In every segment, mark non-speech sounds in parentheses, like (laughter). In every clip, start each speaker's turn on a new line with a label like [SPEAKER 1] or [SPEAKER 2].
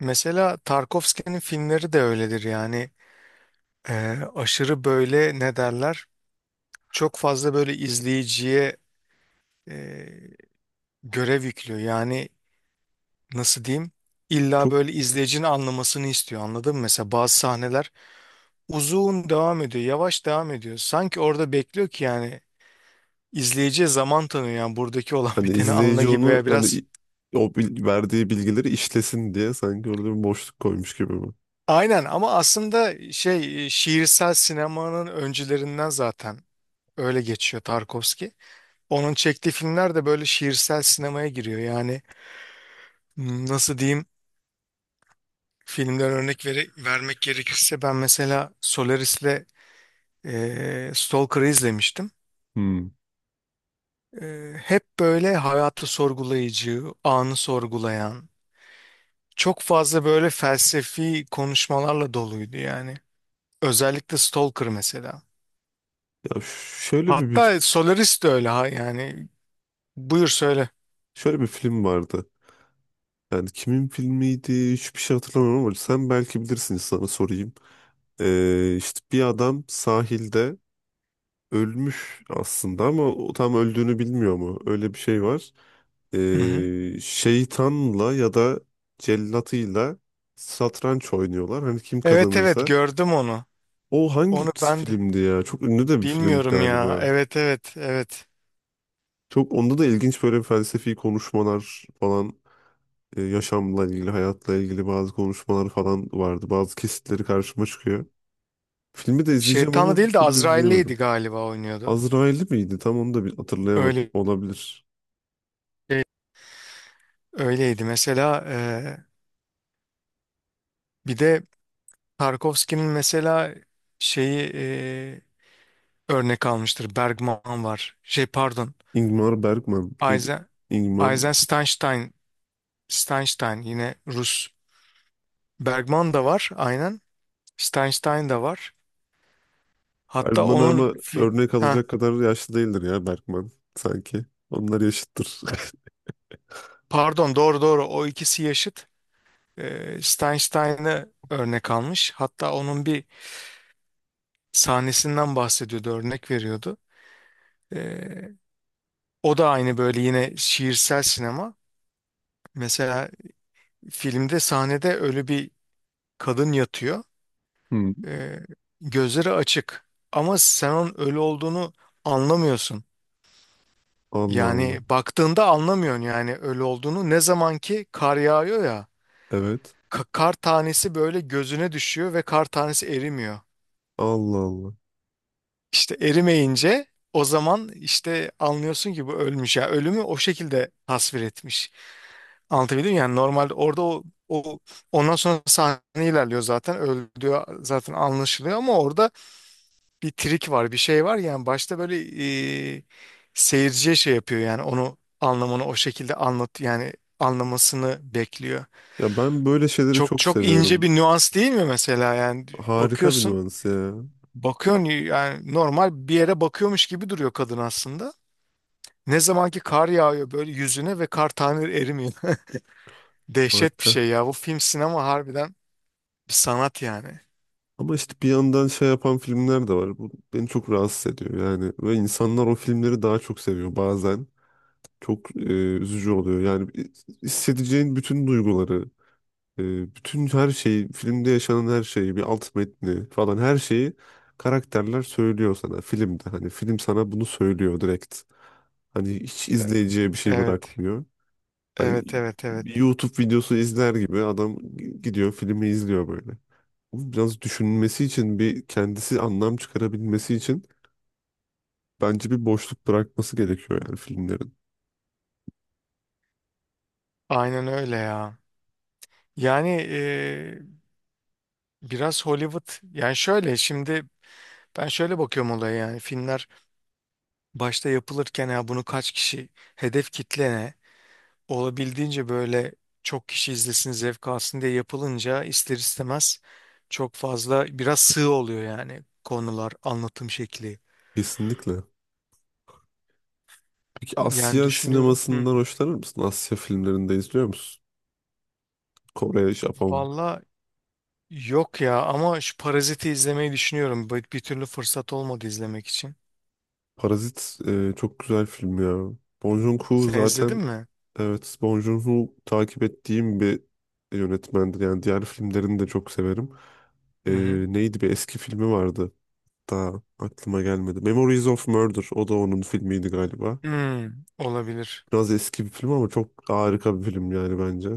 [SPEAKER 1] Mesela Tarkovski'nin filmleri de öyledir yani. Aşırı böyle ne derler, çok fazla böyle izleyiciye e, görev yüklüyor yani. Nasıl diyeyim, illa
[SPEAKER 2] Çok
[SPEAKER 1] böyle izleyicinin anlamasını istiyor, anladın mı? Mesela bazı sahneler uzun devam ediyor, yavaş devam ediyor, sanki orada bekliyor ki, yani izleyiciye zaman tanıyor yani, buradaki olan (laughs)
[SPEAKER 2] hani
[SPEAKER 1] biteni anla
[SPEAKER 2] izleyici
[SPEAKER 1] gibi,
[SPEAKER 2] onu
[SPEAKER 1] veya biraz
[SPEAKER 2] hani o bil- verdiği bilgileri işlesin diye sanki orada bir boşluk koymuş gibi mi?
[SPEAKER 1] aynen, ama aslında şey şiirsel sinemanın öncülerinden zaten öyle geçiyor Tarkovski. Onun çektiği filmler de böyle şiirsel sinemaya giriyor. Yani nasıl diyeyim, filmden vermek gerekirse, ben mesela Solaris'le Stalker'ı izlemiştim.
[SPEAKER 2] Hmm.
[SPEAKER 1] Hep böyle hayatı sorgulayıcı, anı sorgulayan, çok fazla böyle felsefi konuşmalarla doluydu yani. Özellikle Stalker mesela.
[SPEAKER 2] Ya şöyle bir bil-
[SPEAKER 1] Hatta Solaris de öyle ha yani. Buyur söyle.
[SPEAKER 2] şöyle bir film vardı. Yani kimin filmiydi? Hiçbir şey hatırlamıyorum ama sen belki bilirsin sana sorayım. İşte bir adam sahilde ölmüş aslında ama o tam öldüğünü bilmiyor mu? Öyle bir şey var.
[SPEAKER 1] Hı hı.
[SPEAKER 2] Şeytanla ya da cellatıyla satranç oynuyorlar. Hani kim
[SPEAKER 1] Evet evet,
[SPEAKER 2] kazanırsa.
[SPEAKER 1] gördüm onu.
[SPEAKER 2] O hangi
[SPEAKER 1] Onu ben de
[SPEAKER 2] filmdi ya? Çok ünlü de bir film
[SPEAKER 1] bilmiyorum ya.
[SPEAKER 2] galiba.
[SPEAKER 1] Evet evet evet.
[SPEAKER 2] Çok onda da ilginç böyle felsefi konuşmalar falan, yaşamla ilgili, hayatla ilgili bazı konuşmalar falan vardı. Bazı kesitleri karşıma çıkıyor. Filmi de izleyeceğim
[SPEAKER 1] Şeytanı
[SPEAKER 2] ama bir
[SPEAKER 1] değil de
[SPEAKER 2] türlü
[SPEAKER 1] Azrail'liydi
[SPEAKER 2] izleyemedim.
[SPEAKER 1] galiba oynuyordu.
[SPEAKER 2] Azrail'i miydi? Tam onu da bir hatırlayamadım.
[SPEAKER 1] Öyle
[SPEAKER 2] Olabilir.
[SPEAKER 1] öyleydi. Mesela bir de Tarkovski'nin mesela şeyi örnek almıştır. Bergman var. Şey pardon.
[SPEAKER 2] Ingmar Bergman neydi?
[SPEAKER 1] Eisen,
[SPEAKER 2] Ingmar
[SPEAKER 1] Eisenstein, Steinstein, yine Rus. Bergman da var aynen. Steinstein da var. Hatta
[SPEAKER 2] Bergman
[SPEAKER 1] onun
[SPEAKER 2] ama
[SPEAKER 1] fi-
[SPEAKER 2] örnek
[SPEAKER 1] ha
[SPEAKER 2] alacak kadar yaşlı değildir ya Bergman sanki. Onlar yaşıttır. (laughs)
[SPEAKER 1] pardon, doğru doğru, o ikisi yaşıt. Steinstein'ı örnek almış. Hatta onun bir sahnesinden bahsediyordu, örnek veriyordu. Ee, O da aynı böyle yine şiirsel sinema. Mesela filmde, sahnede ölü bir kadın yatıyor.
[SPEAKER 2] Hmm.
[SPEAKER 1] Ee, Gözleri açık. Ama sen onun ölü olduğunu anlamıyorsun.
[SPEAKER 2] Allah Allah.
[SPEAKER 1] Yani baktığında anlamıyorsun yani ölü olduğunu. Ne zaman ki kar yağıyor ya,
[SPEAKER 2] Evet.
[SPEAKER 1] kar tanesi böyle gözüne düşüyor ve kar tanesi erimiyor.
[SPEAKER 2] Allah Allah.
[SPEAKER 1] İşte erimeyince, o zaman işte anlıyorsun ki bu ölmüş ya. Ölümü o şekilde tasvir etmiş. Anlatabildim mi? Yani normalde orada o, o ondan sonra sahne ilerliyor, zaten öldüğü zaten anlaşılıyor, ama orada bir trik var, bir şey var yani, başta böyle e, seyirciye şey yapıyor yani, onu anlamını o şekilde anlat yani, anlamasını bekliyor.
[SPEAKER 2] Ya ben böyle şeyleri
[SPEAKER 1] Çok
[SPEAKER 2] çok
[SPEAKER 1] çok ince
[SPEAKER 2] seviyorum.
[SPEAKER 1] bir nüans değil mi mesela yani,
[SPEAKER 2] Harika bir
[SPEAKER 1] bakıyorsun
[SPEAKER 2] nüans ya.
[SPEAKER 1] bakıyorsun yani normal bir yere bakıyormuş gibi duruyor kadın aslında. Ne zaman ki kar yağıyor böyle yüzüne ve kar tane erimiyor. (laughs) Dehşet bir
[SPEAKER 2] Harika.
[SPEAKER 1] şey ya, bu film, sinema harbiden bir sanat yani.
[SPEAKER 2] Ama işte bir yandan şey yapan filmler de var. Bu beni çok rahatsız ediyor yani. Ve insanlar o filmleri daha çok seviyor bazen. Çok üzücü oluyor. Yani hissedeceğin bütün duyguları, bütün her şeyi, filmde yaşanan her şeyi, bir alt metni falan her şeyi karakterler söylüyor sana filmde. Hani film sana bunu söylüyor direkt. Hani hiç izleyiciye bir şey
[SPEAKER 1] Evet.
[SPEAKER 2] bırakmıyor. Hani
[SPEAKER 1] Evet evet evet.
[SPEAKER 2] YouTube videosu izler gibi adam gidiyor filmi izliyor böyle. Biraz düşünmesi için bir kendisi anlam çıkarabilmesi için bence bir boşluk bırakması gerekiyor yani filmlerin.
[SPEAKER 1] Aynen öyle ya. Yani biraz Hollywood yani, şöyle şimdi, ben şöyle bakıyorum olaya yani, filmler başta yapılırken, ya bunu kaç kişi, hedef kitle ne, olabildiğince böyle çok kişi izlesin zevk alsın diye yapılınca ister istemez çok fazla biraz sığ oluyor yani, konular, anlatım şekli.
[SPEAKER 2] Kesinlikle. Peki
[SPEAKER 1] Yani
[SPEAKER 2] Asya
[SPEAKER 1] düşünüyorum. Hı.
[SPEAKER 2] sinemasından hoşlanır mısın? Asya filmlerinde izliyor musun? Kore, Japon.
[SPEAKER 1] Valla, yok ya, ama şu Parazit'i izlemeyi düşünüyorum. Bir türlü fırsat olmadı izlemek için.
[SPEAKER 2] Parazit çok güzel film ya. Bong Joon-ho
[SPEAKER 1] Sen izledin
[SPEAKER 2] zaten,
[SPEAKER 1] mi?
[SPEAKER 2] evet, Bong Joon-ho takip ettiğim bir yönetmendir. Yani diğer filmlerini de çok severim. E,
[SPEAKER 1] Hı hı.
[SPEAKER 2] Neydi bir eski filmi vardı. Daha aklıma gelmedi. Memories of Murder. O da onun filmiydi galiba.
[SPEAKER 1] Hmm, olabilir.
[SPEAKER 2] Biraz eski bir film ama çok harika bir film yani bence.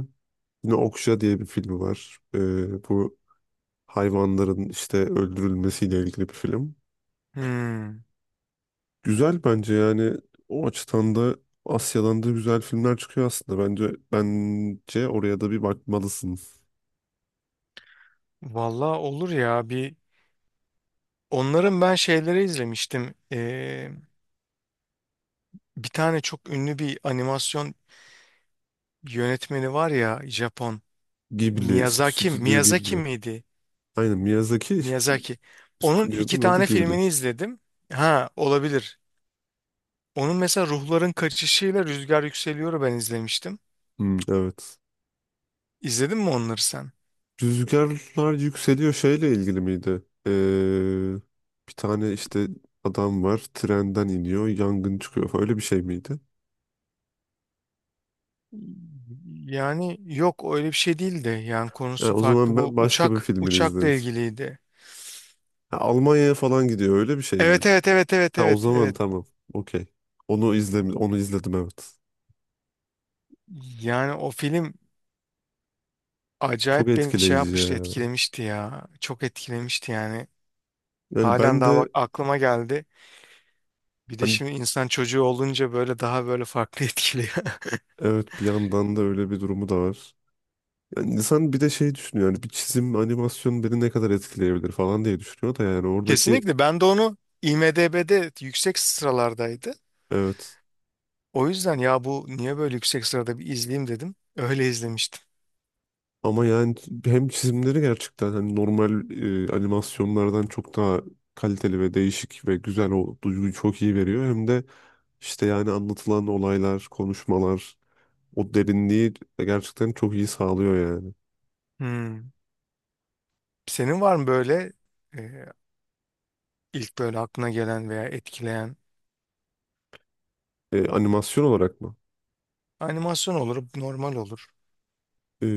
[SPEAKER 2] Yine Okja diye bir filmi var. Bu hayvanların işte öldürülmesiyle ilgili bir film.
[SPEAKER 1] Hmm.
[SPEAKER 2] Güzel bence yani o açıdan da Asya'dan da güzel filmler çıkıyor aslında. Bence bence oraya da bir bakmalısın.
[SPEAKER 1] Valla olur ya, bir onların ben şeyleri izlemiştim. Bir tane çok ünlü bir animasyon yönetmeni var ya, Japon.
[SPEAKER 2] Ghibli,
[SPEAKER 1] Miyazaki,
[SPEAKER 2] Stüdyo
[SPEAKER 1] Miyazaki
[SPEAKER 2] Ghibli.
[SPEAKER 1] miydi?
[SPEAKER 2] Aynen Miyazaki
[SPEAKER 1] Miyazaki. Onun iki
[SPEAKER 2] stüdyonun adı
[SPEAKER 1] tane
[SPEAKER 2] Ghibli.
[SPEAKER 1] filmini izledim. Ha olabilir. Onun mesela Ruhların Kaçışı'yla Rüzgar Yükseliyor'u ben izlemiştim.
[SPEAKER 2] Hmm, evet.
[SPEAKER 1] İzledin mi onları sen?
[SPEAKER 2] Rüzgarlar yükseliyor şeyle ilgili miydi? Bir tane işte adam var trenden iniyor yangın çıkıyor falan. Öyle bir şey miydi?
[SPEAKER 1] Yani yok, öyle bir şey değildi. Yani
[SPEAKER 2] Ha,
[SPEAKER 1] konusu
[SPEAKER 2] o
[SPEAKER 1] farklı.
[SPEAKER 2] zaman
[SPEAKER 1] Bu
[SPEAKER 2] ben başka bir
[SPEAKER 1] uçak
[SPEAKER 2] filmini
[SPEAKER 1] uçakla
[SPEAKER 2] izlemişim.
[SPEAKER 1] ilgiliydi.
[SPEAKER 2] Ha, Almanya'ya falan gidiyor öyle bir şey
[SPEAKER 1] Evet
[SPEAKER 2] miydi?
[SPEAKER 1] evet evet evet
[SPEAKER 2] Ha, o
[SPEAKER 1] evet
[SPEAKER 2] zaman
[SPEAKER 1] evet.
[SPEAKER 2] tamam, okey. Onu izledim, onu izledim, evet.
[SPEAKER 1] Yani o film
[SPEAKER 2] Çok
[SPEAKER 1] acayip beni şey
[SPEAKER 2] etkileyici
[SPEAKER 1] yapmıştı,
[SPEAKER 2] ya.
[SPEAKER 1] etkilemişti ya. Çok etkilemişti yani.
[SPEAKER 2] Yani
[SPEAKER 1] Halen
[SPEAKER 2] ben
[SPEAKER 1] daha
[SPEAKER 2] de,
[SPEAKER 1] bak, aklıma geldi. Bir de
[SPEAKER 2] hani,
[SPEAKER 1] şimdi insan çocuğu olunca böyle daha böyle farklı (laughs) etkiliyor.
[SPEAKER 2] evet, bir yandan da öyle bir durumu da var. Yani insan bir de şey düşünüyor yani bir çizim animasyon beni ne kadar etkileyebilir falan diye düşünüyor da yani oradaki
[SPEAKER 1] Kesinlikle, ben de onu IMDb'de yüksek sıralardaydı.
[SPEAKER 2] evet.
[SPEAKER 1] O yüzden ya, bu niye böyle yüksek sırada, bir izleyeyim dedim. Öyle izlemiştim.
[SPEAKER 2] Ama yani hem çizimleri gerçekten hani normal animasyonlardan çok daha kaliteli ve değişik ve güzel o duyguyu çok iyi veriyor. Hem de işte yani anlatılan olaylar, konuşmalar o derinliği gerçekten çok iyi sağlıyor yani.
[SPEAKER 1] Hmm. Senin var mı böyle e, ilk böyle aklına gelen veya etkileyen?
[SPEAKER 2] Animasyon olarak mı?
[SPEAKER 1] Animasyon olur, normal olur.
[SPEAKER 2] E,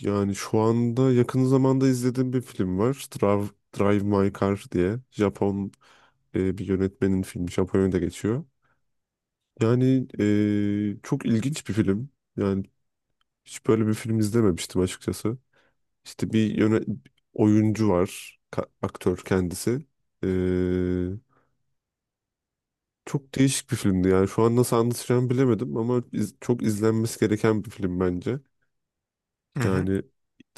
[SPEAKER 2] Yani şu anda yakın zamanda izlediğim bir film var. Drive My Car diye. Japon, bir yönetmenin filmi. Japonya'da geçiyor. Yani, çok ilginç bir film. Yani hiç böyle bir film izlememiştim açıkçası. İşte bir oyuncu var, aktör kendisi. Ee, Çok değişik bir filmdi yani. Şu an nasıl anlatacağımı bilemedim ama çok izlenmesi gereken bir film bence.
[SPEAKER 1] Hı hı.
[SPEAKER 2] Yani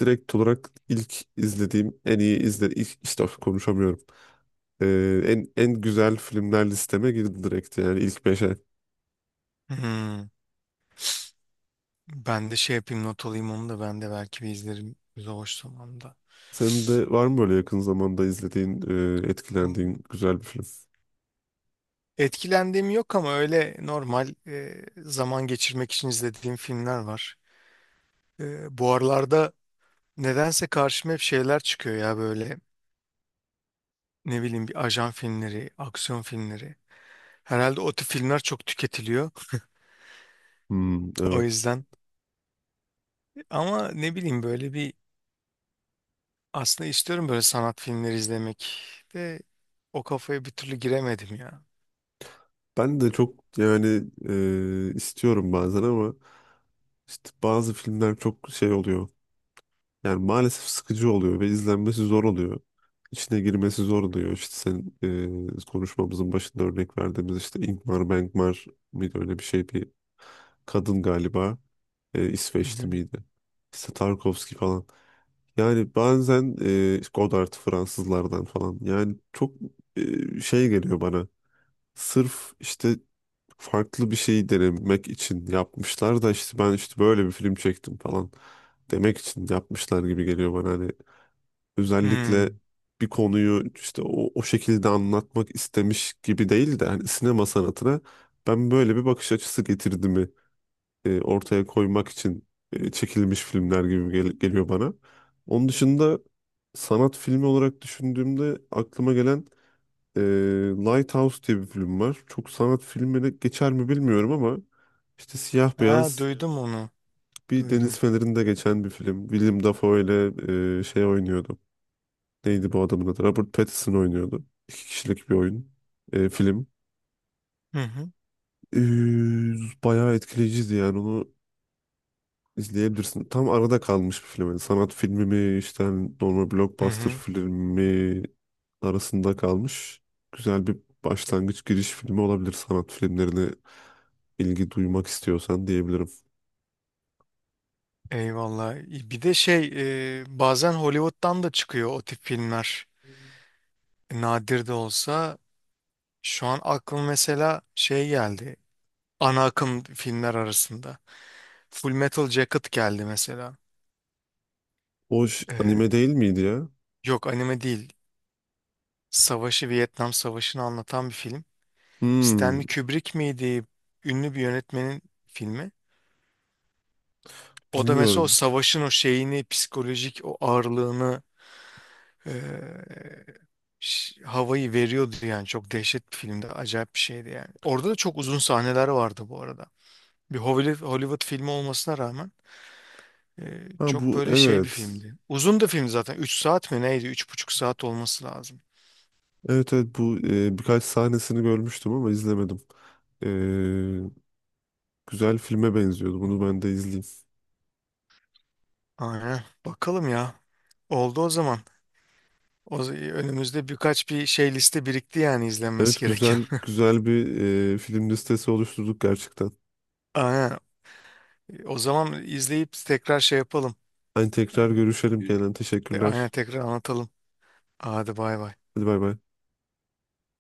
[SPEAKER 2] direkt olarak ilk izlediğim en iyi izle ilk işte (laughs) of, konuşamıyorum. En güzel filmler listeme girdi direkt yani ilk beşe.
[SPEAKER 1] Hmm. Ben de şey yapayım, not alayım onu da, ben de belki bir izlerim boş zamanda.
[SPEAKER 2] Senin de var mı böyle yakın zamanda izlediğin,
[SPEAKER 1] Hı.
[SPEAKER 2] etkilendiğin güzel bir film?
[SPEAKER 1] Etkilendiğim yok ama öyle normal zaman geçirmek için izlediğim filmler var. Bu aralarda nedense karşıma hep şeyler çıkıyor ya böyle, ne bileyim, bir ajan filmleri, aksiyon filmleri. Herhalde o tip filmler çok tüketiliyor. (laughs)
[SPEAKER 2] Hmm,
[SPEAKER 1] O
[SPEAKER 2] evet.
[SPEAKER 1] yüzden, ama ne bileyim, böyle bir, aslında istiyorum böyle sanat filmleri izlemek de o kafaya bir türlü giremedim ya.
[SPEAKER 2] Ben de çok yani, istiyorum bazen ama işte bazı filmler çok şey oluyor. Yani maalesef sıkıcı oluyor ve izlenmesi zor oluyor. İçine girmesi zor oluyor. İşte sen, konuşmamızın başında örnek verdiğimiz işte Ingmar Bergman mıydı öyle bir şey, bir kadın galiba.
[SPEAKER 1] Hı
[SPEAKER 2] İsveçli
[SPEAKER 1] hı.
[SPEAKER 2] miydi? İşte Tarkovski falan. Yani bazen, Godard Fransızlardan falan. Yani çok, şey geliyor bana. Sırf işte farklı bir şeyi denemek için yapmışlar da işte ben işte böyle bir film çektim falan demek için yapmışlar gibi geliyor bana. Hani özellikle
[SPEAKER 1] Hmm.
[SPEAKER 2] bir konuyu işte o şekilde anlatmak istemiş gibi değil de hani sinema sanatına ben böyle bir bakış açısı getirdiğimi, ortaya koymak için çekilmiş filmler gibi geliyor bana. Onun dışında sanat filmi olarak düşündüğümde aklıma gelen, ee, Lighthouse diye bir film var. Çok sanat filmine geçer mi bilmiyorum ama işte siyah
[SPEAKER 1] Ha,
[SPEAKER 2] beyaz
[SPEAKER 1] duydum onu.
[SPEAKER 2] bir deniz
[SPEAKER 1] Duydum.
[SPEAKER 2] fenerinde geçen bir film. William Dafoe ile, şey oynuyordu. Neydi bu adamın adı? Robert Pattinson oynuyordu. İki kişilik bir oyun. Film.
[SPEAKER 1] Hı hı.
[SPEAKER 2] Ee, Bayağı etkileyiciydi yani onu izleyebilirsin. Tam arada kalmış bir film. Yani sanat filmi mi işte hani normal
[SPEAKER 1] Hı
[SPEAKER 2] blockbuster
[SPEAKER 1] hı.
[SPEAKER 2] filmi arasında kalmış. Güzel bir başlangıç giriş filmi olabilir sanat filmlerine ilgi duymak istiyorsan diyebilirim.
[SPEAKER 1] Eyvallah. Bir de şey, bazen Hollywood'dan da çıkıyor o tip filmler. Nadir de olsa, şu an aklım mesela şey geldi, ana akım filmler arasında. Full Metal Jacket geldi mesela.
[SPEAKER 2] O
[SPEAKER 1] E,
[SPEAKER 2] anime değil miydi ya?
[SPEAKER 1] Yok, anime değil. Vietnam Savaşı'nı anlatan bir film.
[SPEAKER 2] Hmm,
[SPEAKER 1] Stanley Kubrick miydi? Ünlü bir yönetmenin filmi. O da mesela o
[SPEAKER 2] bilmiyorum.
[SPEAKER 1] savaşın o şeyini, psikolojik o ağırlığını, havayı veriyordu yani. Çok dehşet bir filmdi. Acayip bir şeydi yani. Orada da çok uzun sahneler vardı bu arada. Bir Hollywood filmi olmasına rağmen
[SPEAKER 2] Ha
[SPEAKER 1] çok
[SPEAKER 2] bu,
[SPEAKER 1] böyle şey bir
[SPEAKER 2] evet.
[SPEAKER 1] filmdi. Uzun da film zaten. 3 saat mi neydi? 3,5 saat olması lazım.
[SPEAKER 2] Evet, evet, bu, birkaç sahnesini görmüştüm ama izlemedim. E, Güzel filme benziyordu. Bunu ben de izleyeyim.
[SPEAKER 1] Aynen. Bakalım ya. Oldu o zaman. Önümüzde birkaç bir şey, liste birikti yani izlenmesi
[SPEAKER 2] Evet,
[SPEAKER 1] gereken.
[SPEAKER 2] güzel bir, film listesi oluşturduk gerçekten.
[SPEAKER 1] (laughs) Aynen. O zaman izleyip tekrar şey yapalım.
[SPEAKER 2] Hani tekrar
[SPEAKER 1] Evet.
[SPEAKER 2] görüşelim Kenan.
[SPEAKER 1] Aynen,
[SPEAKER 2] Teşekkürler.
[SPEAKER 1] tekrar anlatalım. Hadi bay bay.
[SPEAKER 2] Hadi bay bay.